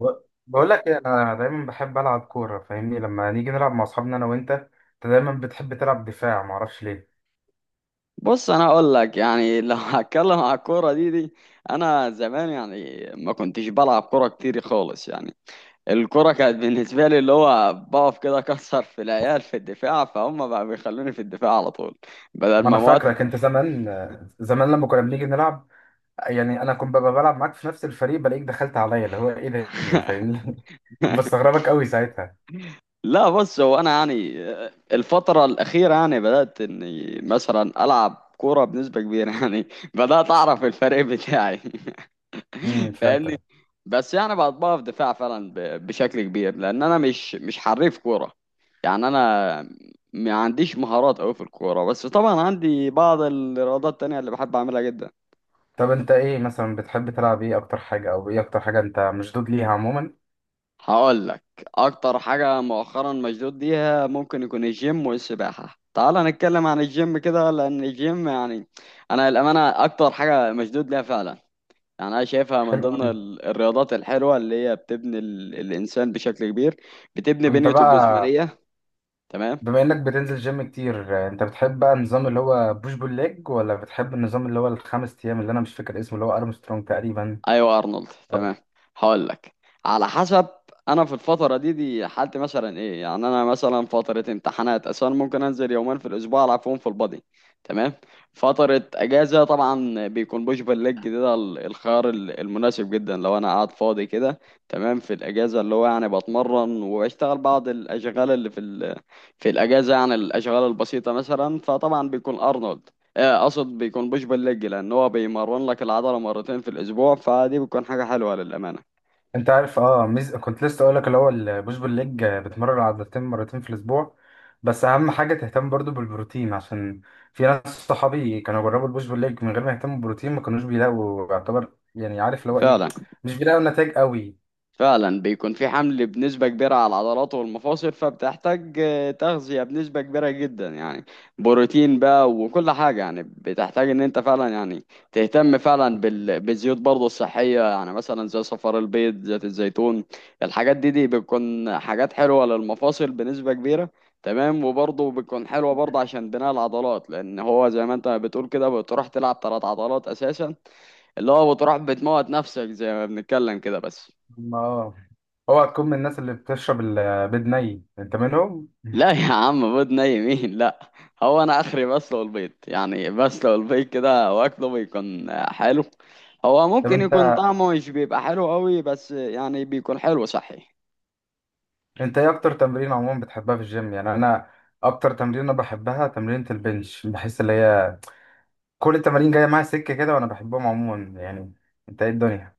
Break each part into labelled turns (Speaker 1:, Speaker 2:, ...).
Speaker 1: ب- بقول لك ايه، انا دايما بحب العب كوره. فاهمني لما نيجي نلعب مع اصحابنا انا وانت، انت دايما بتحب تلعب دفاع، ما اعرفش ليه.
Speaker 2: بص انا اقول لك يعني لو هتكلم على الكوره دي. انا زمان يعني ما كنتش بلعب كوره كتير خالص يعني الكوره كانت بالنسبه لي اللي هو بقف كده اكسر في العيال في الدفاع، فهم بقى بيخلوني في الدفاع على طول بدل
Speaker 1: ما انا
Speaker 2: ما موت.
Speaker 1: فاكرك انت زمان، زمان لما كنا بنيجي نلعب، يعني انا كنت ببقى بلعب معاك في نفس الفريق، بلاقيك دخلت عليا اللي هو ايه ده يعني، فاهمني؟ بستغربك قوي ساعتها.
Speaker 2: لا بص، هو انا يعني الفتره الاخيره يعني بدات اني مثلا العب كوره بنسبه كبيره يعني بدات اعرف الفريق بتاعي
Speaker 1: فهمتك.
Speaker 2: فاهمني؟ بس يعني بطبقها في دفاع فعلا بشكل كبير لان انا مش حريف كوره. يعني انا ما عنديش مهارات قوي في الكوره، بس طبعا عندي بعض الرياضات التانية اللي بحب اعملها جدا.
Speaker 1: طب انت ايه مثلا بتحب تلعب؟ ايه اكتر حاجه او ايه اكتر حاجه انت مشدود ليها عموما؟
Speaker 2: هقول لك، اكتر حاجه مؤخرا مشدود ليها ممكن يكون الجيم والسباحه. تعال نتكلم عن الجيم كده، لان الجيم يعني انا الامانه اكتر حاجه مشدود ليها فعلا. يعني أنا شايفها من
Speaker 1: حلو
Speaker 2: ضمن
Speaker 1: قوي.
Speaker 2: الرياضات الحلوة اللي هي بتبني الإنسان بشكل كبير، بتبني
Speaker 1: انت
Speaker 2: بنيته
Speaker 1: بقى،
Speaker 2: الجسمانية. تمام،
Speaker 1: بما انك بتنزل جيم كتير آه، انت بتحب بقى النظام اللي هو بوش بول ليج، ولا بتحب النظام اللي هو الخمس ايام اللي انا مش فاكر اسمه، اللي هو ارمسترونج تقريبا؟
Speaker 2: ايوه ارنولد
Speaker 1: أه.
Speaker 2: تمام. هقول لك، على حسب. انا في الفتره دي حالتي مثلا ايه؟ يعني انا مثلا فتره امتحانات اصلا ممكن انزل يومين في الاسبوع العب فيهم في البادي. تمام. فتره اجازه طبعا بيكون بوش بول ليج ده الخيار المناسب جدا لو انا قاعد فاضي كده. تمام، في الاجازه اللي هو يعني بتمرن وبشتغل بعض الاشغال اللي في ال... في الاجازه يعني الاشغال البسيطه مثلا. فطبعا بيكون ارنولد، اقصد بيكون بوش بول ليج لان هو بيمرن لك العضله مرتين في الاسبوع، فدي بتكون حاجه حلوه للامانه.
Speaker 1: انت عارف ميز... كنت لسه اقول لك اللي هو البوش بول ليج آه، بتمرن عضلتين مرتين في الاسبوع، بس اهم حاجه تهتم برضو بالبروتين، عشان في ناس صحابي كانوا جربوا البوش بول ليج من غير ما يهتموا بالبروتين، ما كانوش بيلاقوا يعتبر، يعني عارف اللي هو ايه،
Speaker 2: فعلا.
Speaker 1: مش بيلاقوا نتائج قوي.
Speaker 2: فعلا بيكون في حمل بنسبة كبيرة على العضلات والمفاصل، فبتحتاج تغذية بنسبة كبيرة جدا يعني. بروتين بقى وكل حاجة، يعني بتحتاج ان انت فعلا يعني تهتم فعلا بالزيوت برضه الصحية، يعني مثلا زي صفار البيض، زيت الزيتون. الحاجات دي بتكون حاجات حلوة للمفاصل بنسبة كبيرة. تمام، وبرضه بتكون حلوة برضه عشان بناء العضلات، لأن هو زي ما انت بتقول كده بتروح تلعب تلات عضلات أساسا، اللي هو بتروح بتموت نفسك زي ما بنتكلم كده بس.
Speaker 1: ما اه اوعى تكون من الناس اللي بتشرب البيض ني، انت منهم؟
Speaker 2: لا يا عم، بيض ني مين؟ لا. هو انا اخري بسلق البيض، يعني بسلق البيض كده واكله بيكون حلو. هو
Speaker 1: طب
Speaker 2: ممكن يكون
Speaker 1: انت،
Speaker 2: طعمه مش بيبقى حلو قوي، بس يعني بيكون حلو صحي.
Speaker 1: انت ايه اكتر تمرين عموما بتحبها في الجيم؟ يعني انا اكتر تمرين انا بحبها تمرينة البنش، بحس اللي هي كل التمارين جايه معايا سكه كده، وانا بحبهم عموما يعني. انت ايه الدنيا؟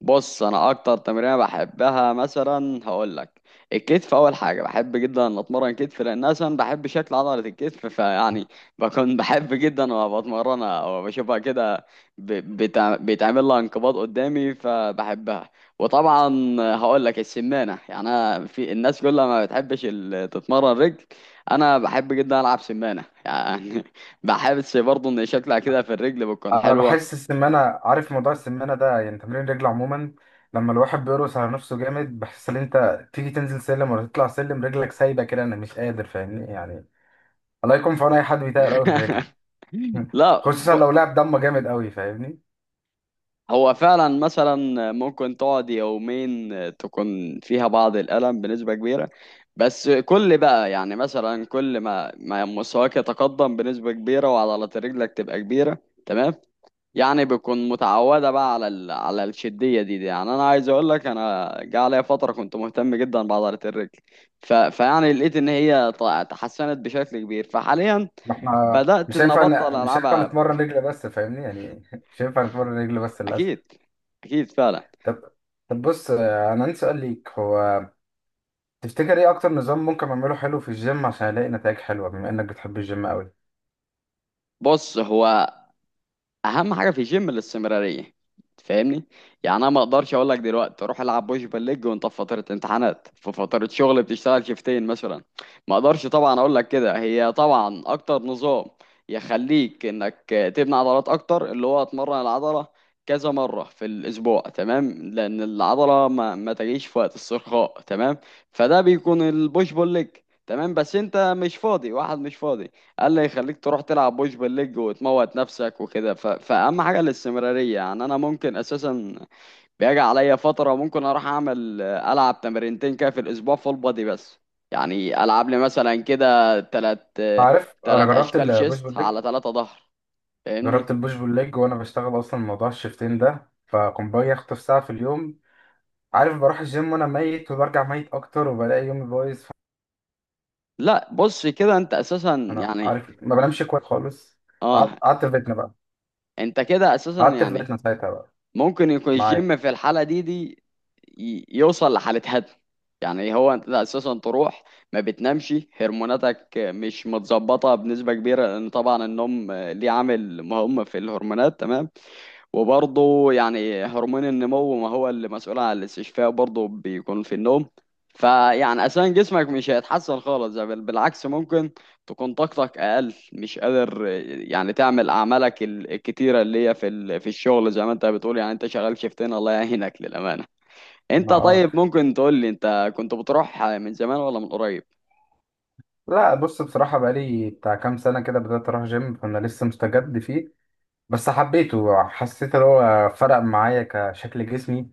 Speaker 2: بص، انا اكتر تمرينه بحبها مثلا هقول لك، الكتف. اول حاجه بحب جدا ان اتمرن كتف لان اصلا بحب شكل عضله الكتف، فيعني بكون بحب جدا وأنا بتمرنها وبشوفها كده بيتعمل لها انقباض قدامي فبحبها. وطبعا هقول لك السمانه، يعني انا في الناس كلها ما بتحبش تتمرن رجل، انا بحب جدا العب سمانه يعني بحس برضه ان شكلها كده في الرجل بتكون
Speaker 1: انا
Speaker 2: حلوه.
Speaker 1: بحس السمانه، عارف موضوع السمانه ده، يعني تمرين رجل عموما لما الواحد بيرقص على نفسه جامد، بحس ان انت تيجي تنزل سلم ولا تطلع سلم رجلك سايبه كده، انا مش قادر فاهمني يعني. الله يكون في عون اي حد بيتقل قوي في الرجل.
Speaker 2: لا،
Speaker 1: خصوصا لو لعب دم جامد قوي، فاهمني؟
Speaker 2: هو فعلا مثلا ممكن تقعد يومين تكون فيها بعض الألم بنسبة كبيرة، بس كل بقى يعني مثلا كل ما مستواك يتقدم بنسبة كبيرة وعضلات رجلك تبقى كبيرة. تمام، يعني بتكون متعودة بقى على ال... على الشدية دي. يعني أنا عايز أقول لك، أنا جه عليا فترة كنت مهتم جدا بعضلة الرجل، ف... فيعني لقيت إن هي تحسنت بشكل كبير، فحاليا
Speaker 1: ما احنا
Speaker 2: بدأت
Speaker 1: مش
Speaker 2: إن
Speaker 1: هينفع
Speaker 2: أبطل
Speaker 1: ن... مش هينفع
Speaker 2: ألعبها.
Speaker 1: نتمرن رجل بس فاهمني يعني. مش هينفع نتمرن رجل بس للأسف.
Speaker 2: أكيد، أكيد فعلا.
Speaker 1: طب، طب بص آه، أنا عندي سؤال ليك، هو تفتكر إيه أكتر نظام ممكن أعمله حلو في الجيم عشان ألاقي نتائج حلوة، بما إنك بتحب الجيم أوي؟
Speaker 2: بص، هو اهم حاجه في الجيم الاستمراريه، تفهمني؟ يعني انا ما اقدرش اقول لك دلوقتي روح العب بوش بالليج وانت في فتره امتحانات، في فتره شغل بتشتغل شيفتين مثلا. ما اقدرش طبعا اقول لك كده. هي طبعا اكتر نظام يخليك انك تبني عضلات اكتر اللي هو اتمرن العضله كذا مره في الاسبوع، تمام، لان العضله ما تجيش في وقت الصرخاء. تمام، فده بيكون البوش بول ليج. تمام، بس انت مش فاضي، واحد مش فاضي قال لي يخليك تروح تلعب بوش بالليج وتموت نفسك وكده. ف... فأهم حاجة الاستمرارية. يعني أنا ممكن أساسا بيجي عليا فترة ممكن أروح أعمل ألعب تمرينتين كده في الأسبوع فول بادي بس، يعني ألعب لي مثلا كده
Speaker 1: عارف أنا
Speaker 2: تلات
Speaker 1: جربت
Speaker 2: أشكال
Speaker 1: البوش بول
Speaker 2: شيست
Speaker 1: ليج،
Speaker 2: على تلاتة ظهر. فاهمني؟
Speaker 1: جربت البوش بول ليج وأنا بشتغل أصلا موضوع الشيفتين ده، فكنت باجي أخطف ساعة في اليوم. عارف، بروح الجيم وأنا ميت وبرجع ميت أكتر، وبلاقي يومي بايظ.
Speaker 2: لا، بص كده أنت أساسا
Speaker 1: أنا
Speaker 2: يعني.
Speaker 1: عارف ما بنامش كويس خالص. قعدت
Speaker 2: أه.
Speaker 1: قعدت في بيتنا بقى،
Speaker 2: أنت كده أساسا
Speaker 1: قعدت في
Speaker 2: يعني
Speaker 1: بيتنا ساعتها بقى.
Speaker 2: ممكن يكون
Speaker 1: معاك.
Speaker 2: الجيم في الحالة دي يوصل لحالة هدم. يعني إيه، هو انت اساسا تروح ما بتنامش، هرموناتك مش متظبطة بنسبة كبيرة لان طبعا النوم ليه عامل مهم في الهرمونات، تمام. وبرضه يعني هرمون النمو ما هو اللي مسؤول عن الاستشفاء، برضه بيكون في النوم. فيعني أساسا جسمك مش هيتحسن خالص، ده بل بالعكس ممكن تكون طاقتك أقل، مش قادر يعني تعمل أعمالك الكتيرة اللي هي في ال- في الشغل زي ما أنت بتقول. يعني أنت شغال شيفتين، الله يعينك للأمانة. أنت
Speaker 1: ما اه
Speaker 2: طيب ممكن تقول لي أنت كنت بتروح من زمان ولا من قريب؟
Speaker 1: لا بص، بصراحة بقالي بتاع كام سنة كده بدأت أروح جيم، فأنا لسه مستجد فيه. بس حبيته، حسيت إن هو فرق معايا كشكل جسمي.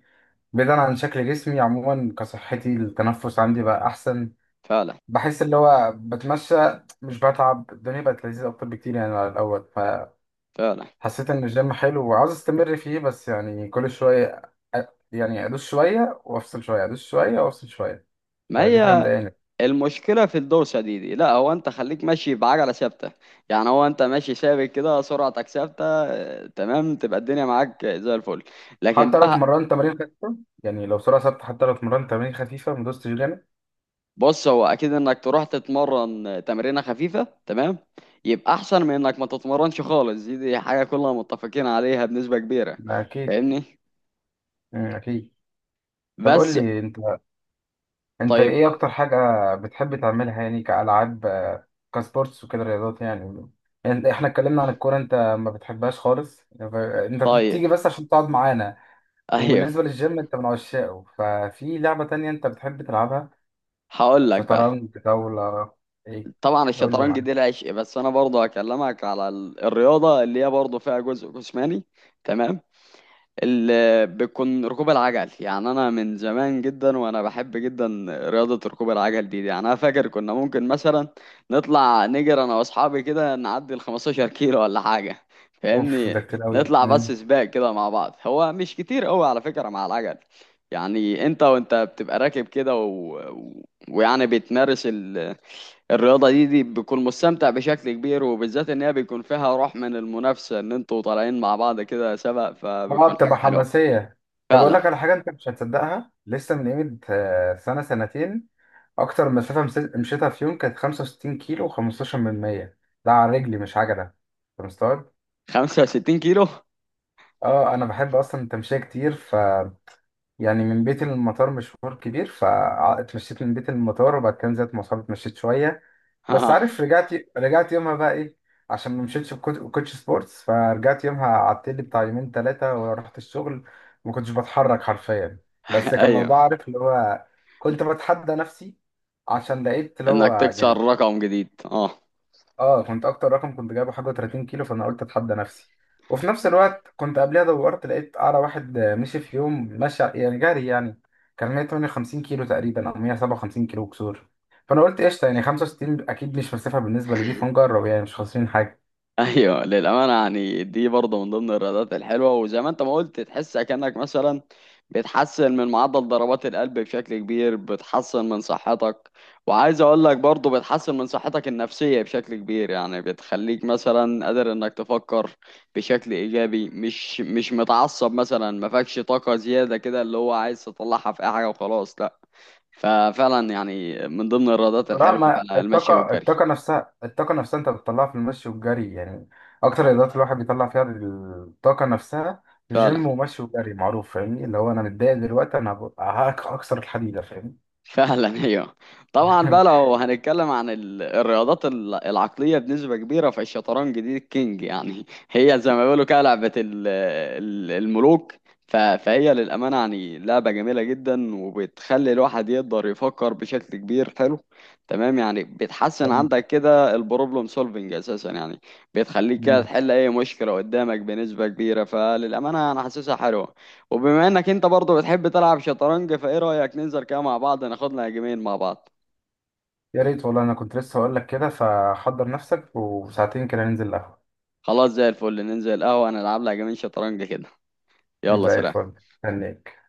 Speaker 1: بعيدا عن شكل جسمي عموما، كصحتي التنفس عندي بقى أحسن.
Speaker 2: فعلا.
Speaker 1: بحس اللي هو بتمشى مش بتعب، الدنيا بقت لذيذة أكتر بكتير يعني على الأول.
Speaker 2: فعلا.
Speaker 1: فحسيت إن الجيم حلو وعاوز أستمر فيه، بس يعني كل شوية أ- يعني أدوس شوية وأفصل شوية، أدوس شوية وأفصل شوية.
Speaker 2: ما
Speaker 1: فدي حاجة
Speaker 2: هي
Speaker 1: مضايقاني.
Speaker 2: المشكلة في الدوسة دي. لا هو انت خليك ماشي بعجلة ثابتة، يعني هو انت ماشي ثابت كده، سرعتك ثابتة، تمام، تبقى الدنيا معاك زي الفل. لكن
Speaker 1: حتى لو
Speaker 2: بقى،
Speaker 1: اتمرنت تمارين خفيفة، يعني لو سرعة ثابتة حتى لو اتمرنت تمارين خفيفة ما دوستش جامد.
Speaker 2: بص هو اكيد انك تروح تتمرن تمرينة خفيفة، تمام، يبقى احسن من انك ما تتمرنش خالص، دي حاجة كلنا متفقين عليها بنسبة كبيرة.
Speaker 1: ده أكيد.
Speaker 2: فاهمني؟
Speaker 1: مم، أكيد. طب قول
Speaker 2: بس.
Speaker 1: لي أنت، أنت
Speaker 2: طيب.
Speaker 1: إيه أكتر حاجة بتحب تعملها، يعني كألعاب آه، كسبورتس وكده، رياضات يعني؟ يعني إحنا اتكلمنا عن الكورة أنت ما بتحبهاش خالص، ف- أنت
Speaker 2: طيب.
Speaker 1: بتيجي بس عشان تقعد معانا.
Speaker 2: ايوه.
Speaker 1: وبالنسبة للجيم أنت من عشاقه، ففي لعبة تانية أنت بتحب تلعبها؟
Speaker 2: هقول لك بقى،
Speaker 1: شطرنج، طاولة، إيه؟
Speaker 2: طبعا
Speaker 1: قول لي،
Speaker 2: الشطرنج
Speaker 1: معاك.
Speaker 2: دي العشق، بس انا برضه هكلمك على الرياضة اللي هي برضه فيها جزء جسماني، تمام، اللي بتكون ركوب العجل. يعني انا من زمان جدا وانا بحب جدا رياضة ركوب العجل دي. يعني انا فاكر كنا ممكن مثلا نطلع نجري انا واصحابي كده نعدي ال 15 كيلو ولا حاجة.
Speaker 1: أوف، ده
Speaker 2: فاهمني؟
Speaker 1: كتير أوي.
Speaker 2: نطلع بس سباق كده مع بعض. هو مش كتير قوي على فكرة مع العجل، يعني انت وانت بتبقى راكب كده و... و... ويعني بتمارس ال... الرياضة دي بتكون مستمتع بشكل كبير، وبالذات ان هي بيكون فيها روح من المنافسة ان انتوا طالعين مع بعض كده سبق،
Speaker 1: اه
Speaker 2: فبتكون
Speaker 1: بتبقى
Speaker 2: حاجة حلوة.
Speaker 1: حماسية. طب أقول
Speaker 2: فعلا،
Speaker 1: لك على حاجة أنت مش هتصدقها، لسه من قيمة آه، سنة سنتين أكتر مسافة مس- مشيتها في يوم كانت 65 كيلو و15 من 100. ده على رجلي مش عجلة، أنت مستوعب؟
Speaker 2: 65 كيلو؟
Speaker 1: اه أنا بحب أصلا التمشية كتير، يعني من بيتي للمطار مشوار كبير، فاتمشيت من بيتي للمطار، وبعد كده نزلت مواصلات اتمشيت شوية. بس
Speaker 2: آه.
Speaker 1: عارف، رجعت، رجعت يومها بقى ايه، عشان ما مشيتش بكوت- بكوتش سبورتس، فرجعت يومها قعدت لي بتاع يومين ثلاثة ورحت الشغل، ما كنتش بتحرك حرفيا. بس كان
Speaker 2: ايوه،
Speaker 1: موضوع، عارف اللي هو كنت بتحدى نفسي، عشان لقيت اللي هو
Speaker 2: انك تكسر
Speaker 1: يعني،
Speaker 2: رقم جديد، اه.
Speaker 1: اه كنت اكتر رقم كنت جايبه حاجه 30 كيلو، فانا قلت اتحدى نفسي. وفي نفس الوقت كنت قبلها دورت، لقيت اعلى واحد آه، مشي في يوم، مشى يعني جري يعني، كان 158 كيلو تقريبا او 157 كيلو كسور. فانا قلت قشطه، يعني 65 اكيد مش مسافه بالنسبه لدي، فنجرب يعني مش خاسرين حاجه.
Speaker 2: ايوه للامانه، يعني دي برضه من ضمن الرياضات الحلوه، وزي ما انت ما قلت تحس كانك مثلا بتحسن من معدل ضربات القلب بشكل كبير، بتحسن من صحتك. وعايز اقول لك برضه بتحسن من صحتك النفسيه بشكل كبير، يعني بتخليك مثلا قادر انك تفكر بشكل ايجابي، مش متعصب مثلا، ما فيكش طاقه زياده كده اللي هو عايز تطلعها في اي حاجه وخلاص، لا. ففعلا يعني من ضمن الرياضات
Speaker 1: بالظبط. لا
Speaker 2: الحلوة
Speaker 1: ما
Speaker 2: فعلا المشي
Speaker 1: الطاقه،
Speaker 2: والجري.
Speaker 1: الطاقه نفسها، الطاقه نفسها انت بتطلعها في المشي والجري يعني، اكتر الرياضات الواحد بيطلع فيها الطاقه نفسها
Speaker 2: فعلا.
Speaker 1: جيم ومشي وجري، معروف. فاهمني اللي هو انا متضايق دلوقتي، انا هبقى هكسر الحديده، فاهمني؟
Speaker 2: فعلا ايوه. طبعا بقى لو هنتكلم عن الرياضات العقليه بنسبه كبيره، فالشطرنج دي الكينج يعني هي زي ما بيقولوا كده لعبه الملوك. فهي للامانه يعني لعبه جميله جدا، وبتخلي الواحد يقدر يفكر بشكل كبير حلو، تمام. يعني بتحسن
Speaker 1: تمام.
Speaker 2: عندك كده البروبلم سولفنج اساسا يعني، بتخليك كده
Speaker 1: مم.
Speaker 2: تحل اي مشكله قدامك بنسبه كبيره، فللامانه انا حاسسها حلوه. وبما انك انت برضه بتحب تلعب شطرنج، فايه رأيك ننزل كده مع بعض ناخد لنا جيمين مع بعض؟
Speaker 1: يا ريت والله، انا كنت لسه هقول لك كده، فحضر نفسك وساعتين كده ننزل القهوة.
Speaker 2: خلاص، زي الفل. ننزل القهوة نلعب لها جيمين شطرنج كده. يلا
Speaker 1: زي
Speaker 2: سلام.
Speaker 1: الفل. هنيك.